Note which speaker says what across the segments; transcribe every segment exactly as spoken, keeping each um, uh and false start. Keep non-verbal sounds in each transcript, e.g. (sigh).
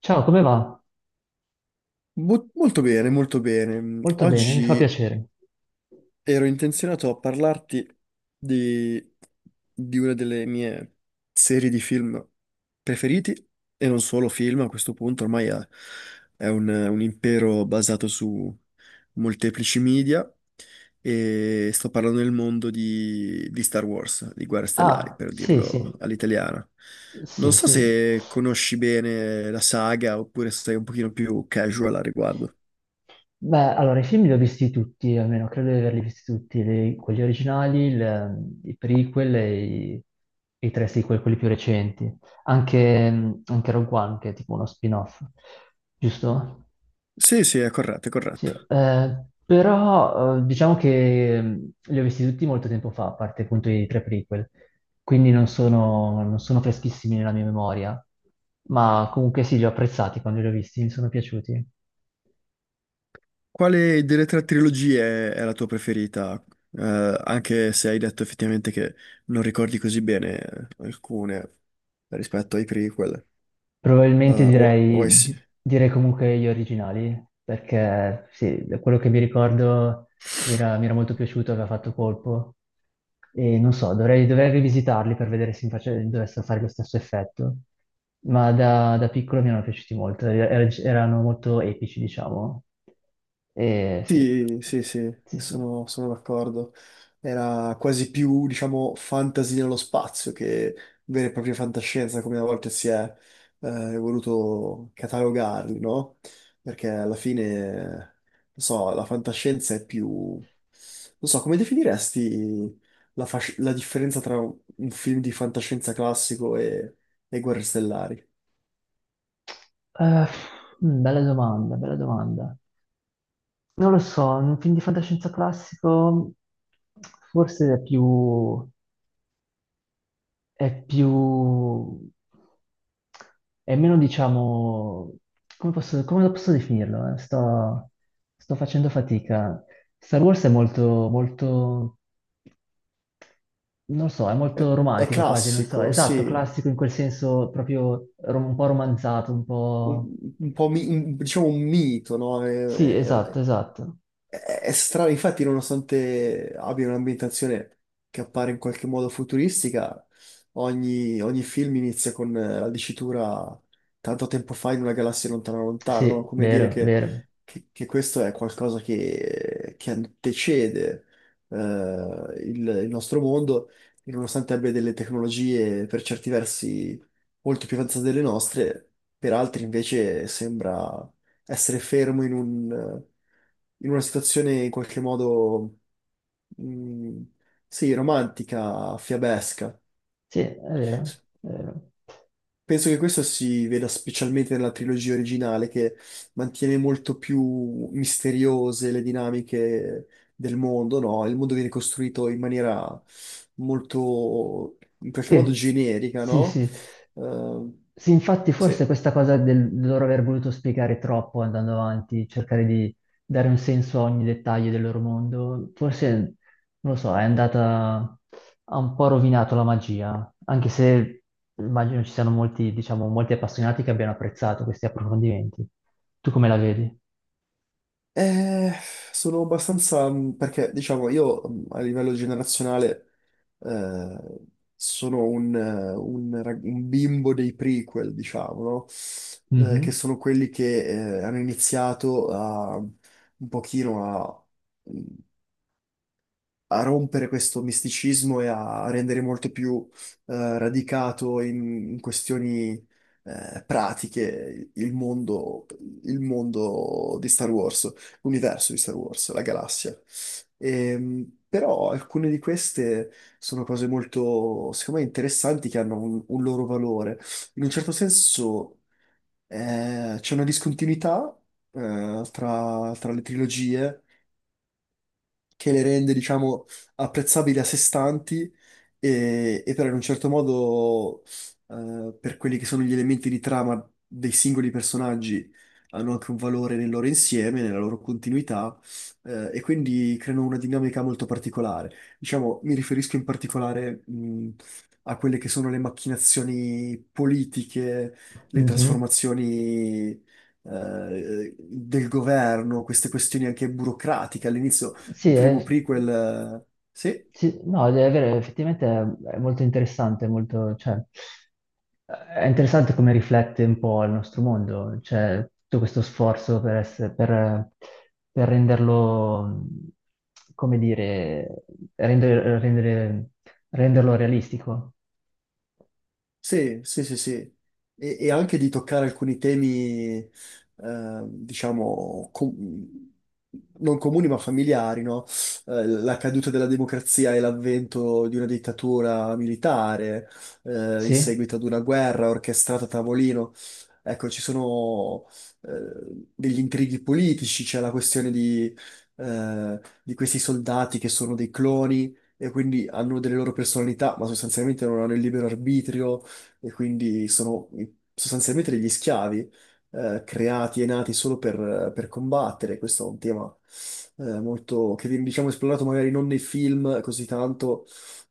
Speaker 1: Ciao, come va?
Speaker 2: Mo- molto bene, molto bene. Mm,
Speaker 1: Molto bene, mi fa
Speaker 2: Oggi
Speaker 1: piacere.
Speaker 2: ero intenzionato a parlarti di, di una delle mie serie di film preferiti, e non solo film, a questo punto ormai è, è un, un impero basato su molteplici media, e sto parlando del mondo di, di Star Wars, di Guerre Stellari,
Speaker 1: Ah,
Speaker 2: per
Speaker 1: sì,
Speaker 2: dirlo
Speaker 1: sì,
Speaker 2: all'italiana. Non
Speaker 1: sì,
Speaker 2: so
Speaker 1: sì.
Speaker 2: se conosci bene la saga oppure se sei un pochino più casual al riguardo.
Speaker 1: Beh, allora, i film li ho visti tutti, almeno credo di averli visti tutti, le- quelli originali, il- i prequel e i, e i tre sequel, quelli più recenti. Anche, anche Rogue One, che è tipo uno spin-off, giusto?
Speaker 2: Sì, sì, è corretto, è
Speaker 1: Sì,
Speaker 2: corretto.
Speaker 1: eh, però eh, diciamo che mh, li ho visti tutti molto tempo fa, a parte appunto i tre prequel, quindi non sono, non sono freschissimi nella mia memoria, ma comunque sì, li ho apprezzati quando li ho visti, mi sono piaciuti.
Speaker 2: Quale delle tre trilogie è la tua preferita? Eh, Anche se hai detto effettivamente che non ricordi così bene eh, alcune rispetto ai prequel,
Speaker 1: Probabilmente
Speaker 2: eh, o, o ai,
Speaker 1: direi,
Speaker 2: s-
Speaker 1: di- direi comunque gli originali, perché sì, da quello che mi ricordo mi era, mi era molto piaciuto, aveva fatto colpo. E non so, dovrei, dovrei rivisitarli per vedere se mi face- dovessero fare lo stesso effetto. Ma da, da piccolo mi erano piaciuti molto, er- er, erano molto epici, diciamo. E sì,
Speaker 2: Sì, sì, sì,
Speaker 1: sì, sì.
Speaker 2: sono, sono d'accordo. Era quasi più, diciamo, fantasy nello spazio che vera e propria fantascienza, come a volte si è eh, voluto catalogarli, no? Perché alla fine, non so, la fantascienza è più. Non so, come definiresti la, fasc- la differenza tra un un film di fantascienza classico e, e Guerre Stellari?
Speaker 1: Eh, mm, Bella domanda, bella domanda. Non lo so, un film di fantascienza classico forse è più, è più, è meno, diciamo, come posso, come lo posso definirlo? eh? Sto, sto facendo fatica. Star Wars è molto, molto, non lo so, è
Speaker 2: È,
Speaker 1: molto
Speaker 2: è
Speaker 1: romantico quasi, non so,
Speaker 2: classico,
Speaker 1: esatto,
Speaker 2: sì,
Speaker 1: classico in quel senso proprio rom- un po' romanzato, un
Speaker 2: un,
Speaker 1: po'.
Speaker 2: un po' mi- un- diciamo un mito, no? È,
Speaker 1: Sì,
Speaker 2: è-
Speaker 1: esatto,
Speaker 2: è
Speaker 1: esatto.
Speaker 2: è strano, infatti, nonostante abbia un'ambientazione che appare in qualche modo futuristica, ogni, ogni film inizia con eh, la dicitura tanto tempo fa in una galassia lontana lontana, no?
Speaker 1: Sì,
Speaker 2: Come dire
Speaker 1: vero,
Speaker 2: che,
Speaker 1: vero.
Speaker 2: che- che questo è qualcosa che, che antecede eh, il, il nostro mondo, e nonostante abbia delle tecnologie per certi versi molto più avanzate delle nostre, per altri invece sembra essere fermo in un, in una situazione in qualche modo, mm, sì, romantica, fiabesca.
Speaker 1: Sì, è vero, è vero.
Speaker 2: Penso che questo si veda specialmente nella trilogia originale, che mantiene molto più misteriose le dinamiche del mondo, no? Il mondo viene costruito in maniera molto, in qualche modo
Speaker 1: Sì,
Speaker 2: generica,
Speaker 1: sì,
Speaker 2: no?
Speaker 1: sì.
Speaker 2: Eh,
Speaker 1: Sì, infatti forse
Speaker 2: sì.
Speaker 1: questa cosa del del loro aver voluto spiegare troppo andando avanti, cercare di dare un senso a ogni dettaglio del loro mondo, forse, non lo so, è andata, ha un po' rovinato la magia, anche se immagino ci siano molti, diciamo, molti appassionati che abbiano apprezzato questi approfondimenti. Tu come la vedi?
Speaker 2: Eh, Sono abbastanza, mh, perché diciamo io mh, a livello generazionale eh, sono un, eh, un rag- un bimbo dei prequel, diciamo, no? Eh, che
Speaker 1: Mhm,
Speaker 2: sono quelli che eh, hanno iniziato a, un pochino a mm, a rompere questo misticismo e a rendere molto più eh, radicato in, in questioni eh, pratiche il mondo, il mondo di Star Wars, l'universo di Star Wars, la galassia. Ehm, però alcune di queste sono cose molto, secondo me, interessanti che hanno un, un loro valore. In un certo senso eh, c'è una discontinuità eh, tra tra le trilogie che le rende, diciamo, apprezzabili a sé stanti e, e però in un certo modo eh, per quelli che sono gli elementi di trama dei singoli personaggi hanno anche un valore nel loro insieme, nella loro continuità eh, e quindi creano una dinamica molto particolare. Diciamo, mi riferisco in particolare mh, a quelle che sono le macchinazioni politiche, le
Speaker 1: mhm.
Speaker 2: trasformazioni eh, del governo, queste questioni anche burocratiche. All'inizio il
Speaker 1: Sì,
Speaker 2: primo
Speaker 1: è...
Speaker 2: prequel. eh, Sì,
Speaker 1: Sì, no, è vero, effettivamente è, è molto interessante, molto, cioè, è interessante come riflette un po' il nostro mondo, cioè tutto questo sforzo per, essere, per, per renderlo, mh, come dire, rendere, rendere- renderlo realistico.
Speaker 2: sì, sì, sì, sì. E, e anche di toccare alcuni temi, eh, diciamo, com- non comuni ma familiari, no? Eh, la caduta della democrazia e l'avvento di una dittatura militare, eh, in
Speaker 1: Sì?
Speaker 2: seguito ad una guerra orchestrata a tavolino. Ecco, ci sono, eh, degli intrighi politici, c'è la questione di, eh, di questi soldati che sono dei cloni e quindi hanno delle loro personalità, ma sostanzialmente non hanno il libero arbitrio e quindi sono sostanzialmente degli schiavi eh, creati e nati solo per, per combattere. Questo è un tema eh, molto che viene, diciamo esplorato magari non nei film così tanto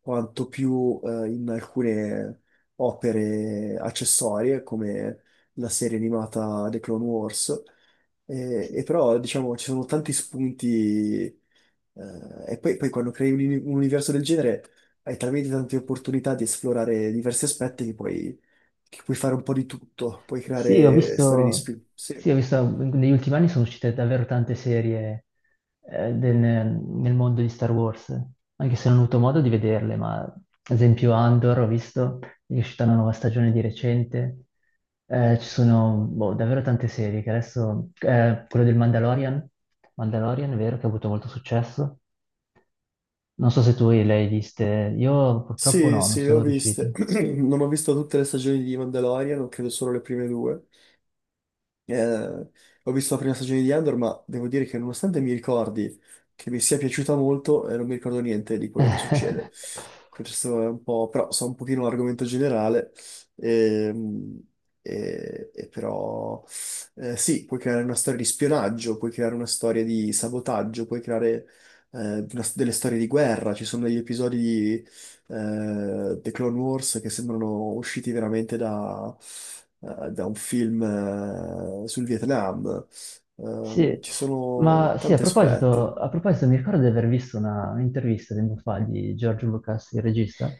Speaker 2: quanto più eh, in alcune opere accessorie come la serie animata The Clone Wars. E, e però diciamo ci sono tanti spunti eh, e poi, poi quando crei un, un universo del genere hai talmente tante opportunità di esplorare diversi aspetti che puoi, che puoi fare un po' di tutto, puoi
Speaker 1: Sì, ho
Speaker 2: creare storie di
Speaker 1: visto,
Speaker 2: spin. Sì,
Speaker 1: sì, ho visto, negli ultimi anni sono uscite davvero tante serie eh, del- nel mondo di Star Wars, anche se non ho avuto modo di vederle, ma ad esempio Andor ho visto, è uscita una nuova stagione di recente. Eh, ci sono boh, davvero tante serie che adesso, eh, quello del Mandalorian, Mandalorian è vero che ha avuto molto successo, non so se tu le hai viste, io purtroppo
Speaker 2: sì,
Speaker 1: no, non
Speaker 2: sì, le ho
Speaker 1: sono
Speaker 2: viste.
Speaker 1: riuscito.
Speaker 2: (clears throat) Non ho visto tutte le stagioni di Mandalorian, ho credo solo le prime due. Eh, Ho visto la prima stagione di Andor, ma devo dire che nonostante mi ricordi che mi sia piaciuta molto, eh, non mi ricordo niente di quello che succede.
Speaker 1: (laughs)
Speaker 2: Questo è un po', però so un pochino l'argomento generale, ehm, e, e però eh, sì, puoi creare una storia di spionaggio, puoi creare una storia di sabotaggio, puoi creare eh, una- delle storie di guerra, ci sono degli episodi eh, The Clone Wars che sembrano usciti veramente da, eh, da un film eh, sul Vietnam. Ehm,
Speaker 1: Sì,
Speaker 2: ci sono
Speaker 1: ma sì, a
Speaker 2: tanti
Speaker 1: proposito,
Speaker 2: aspetti.
Speaker 1: a proposito, mi ricordo di aver visto una- un'intervista tempo fa di George Lucas, il regista,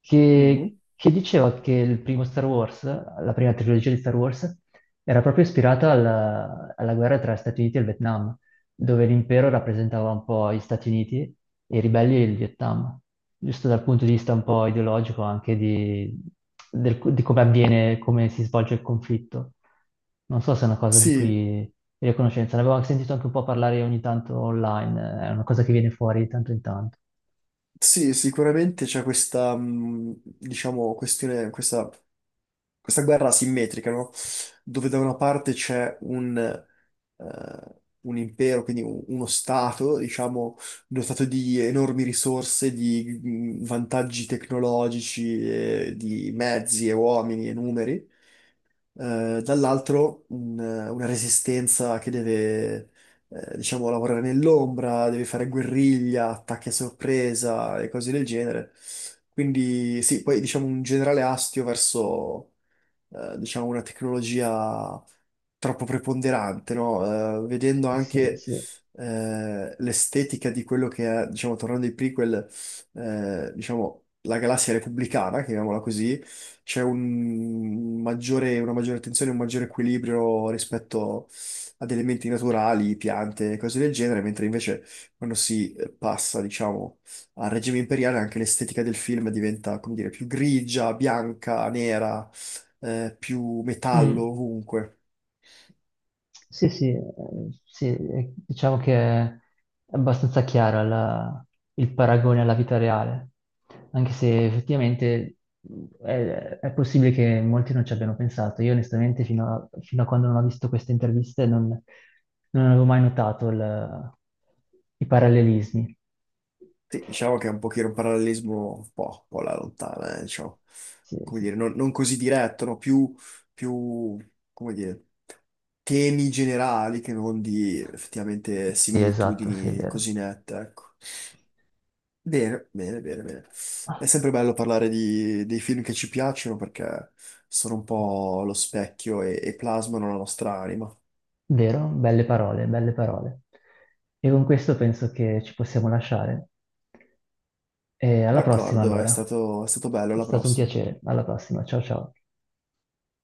Speaker 1: che,
Speaker 2: Mhm.
Speaker 1: che diceva che il primo Star Wars, la prima trilogia di Star Wars, era proprio ispirata alla, alla guerra tra Stati Uniti e il Vietnam, dove l'impero rappresentava un po' gli Stati Uniti e i ribelli il Vietnam, giusto dal punto di vista un po' ideologico anche di, del- di come avviene, come si svolge il conflitto. Non so se è una cosa di
Speaker 2: Sì,
Speaker 1: cui io ho conoscenza, ne avevo anche sentito anche un po' parlare ogni tanto online, è una cosa che viene fuori di tanto in tanto.
Speaker 2: sì, sicuramente c'è questa, mh, diciamo, questione, questa questa guerra asimmetrica, no? Dove da una parte c'è un, eh, un impero, quindi un- uno stato, diciamo, dotato di enormi risorse, di mm, vantaggi tecnologici, eh, di mezzi e uomini e numeri, eh, dall'altro un- una resistenza che deve, eh, diciamo, lavorare nell'ombra, deve fare guerriglia, attacchi a sorpresa e cose del genere. Quindi sì, poi diciamo un generale astio verso eh, diciamo, una tecnologia troppo preponderante, no? Eh, vedendo
Speaker 1: Sì,
Speaker 2: anche
Speaker 1: sì.
Speaker 2: eh, l'estetica di quello che è, diciamo, tornando ai prequel, eh, diciamo, la galassia repubblicana, chiamiamola così, c'è un maggiore- una maggiore attenzione, un maggiore equilibrio rispetto ad elementi naturali, piante, cose del genere, mentre invece quando si eh, passa, diciamo, al regime imperiale anche l'estetica del film diventa, come dire, più grigia, bianca, nera, eh, più metallo
Speaker 1: Mm.
Speaker 2: ovunque.
Speaker 1: Sì, sì, eh, sì, eh, diciamo che è abbastanza chiara la- il paragone alla vita reale, anche se effettivamente mh, è, è possibile che molti non ci abbiano pensato. Io onestamente fino a, fino a quando non ho visto queste interviste non, non avevo mai notato il- i parallelismi.
Speaker 2: Sì, diciamo che è un pochino un parallelismo un po', un po' alla lontana, eh, diciamo,
Speaker 1: Sì,
Speaker 2: come
Speaker 1: sì.
Speaker 2: dire, non, non così diretto, no? Più, più, come dire, temi generali che non di effettivamente
Speaker 1: Sì, esatto, sì, è
Speaker 2: similitudini
Speaker 1: vero.
Speaker 2: così nette, ecco. Bene, bene, bene, bene. È sempre bello parlare di, dei film che ci piacciono perché sono un po' lo specchio e, e plasmano la nostra anima.
Speaker 1: Vero? Belle parole, belle parole. E con questo penso che ci possiamo lasciare. E alla prossima
Speaker 2: D'accordo, è
Speaker 1: allora.
Speaker 2: stato, è stato bello,
Speaker 1: È
Speaker 2: alla
Speaker 1: stato un
Speaker 2: prossima.
Speaker 1: piacere. Alla prossima. Ciao ciao.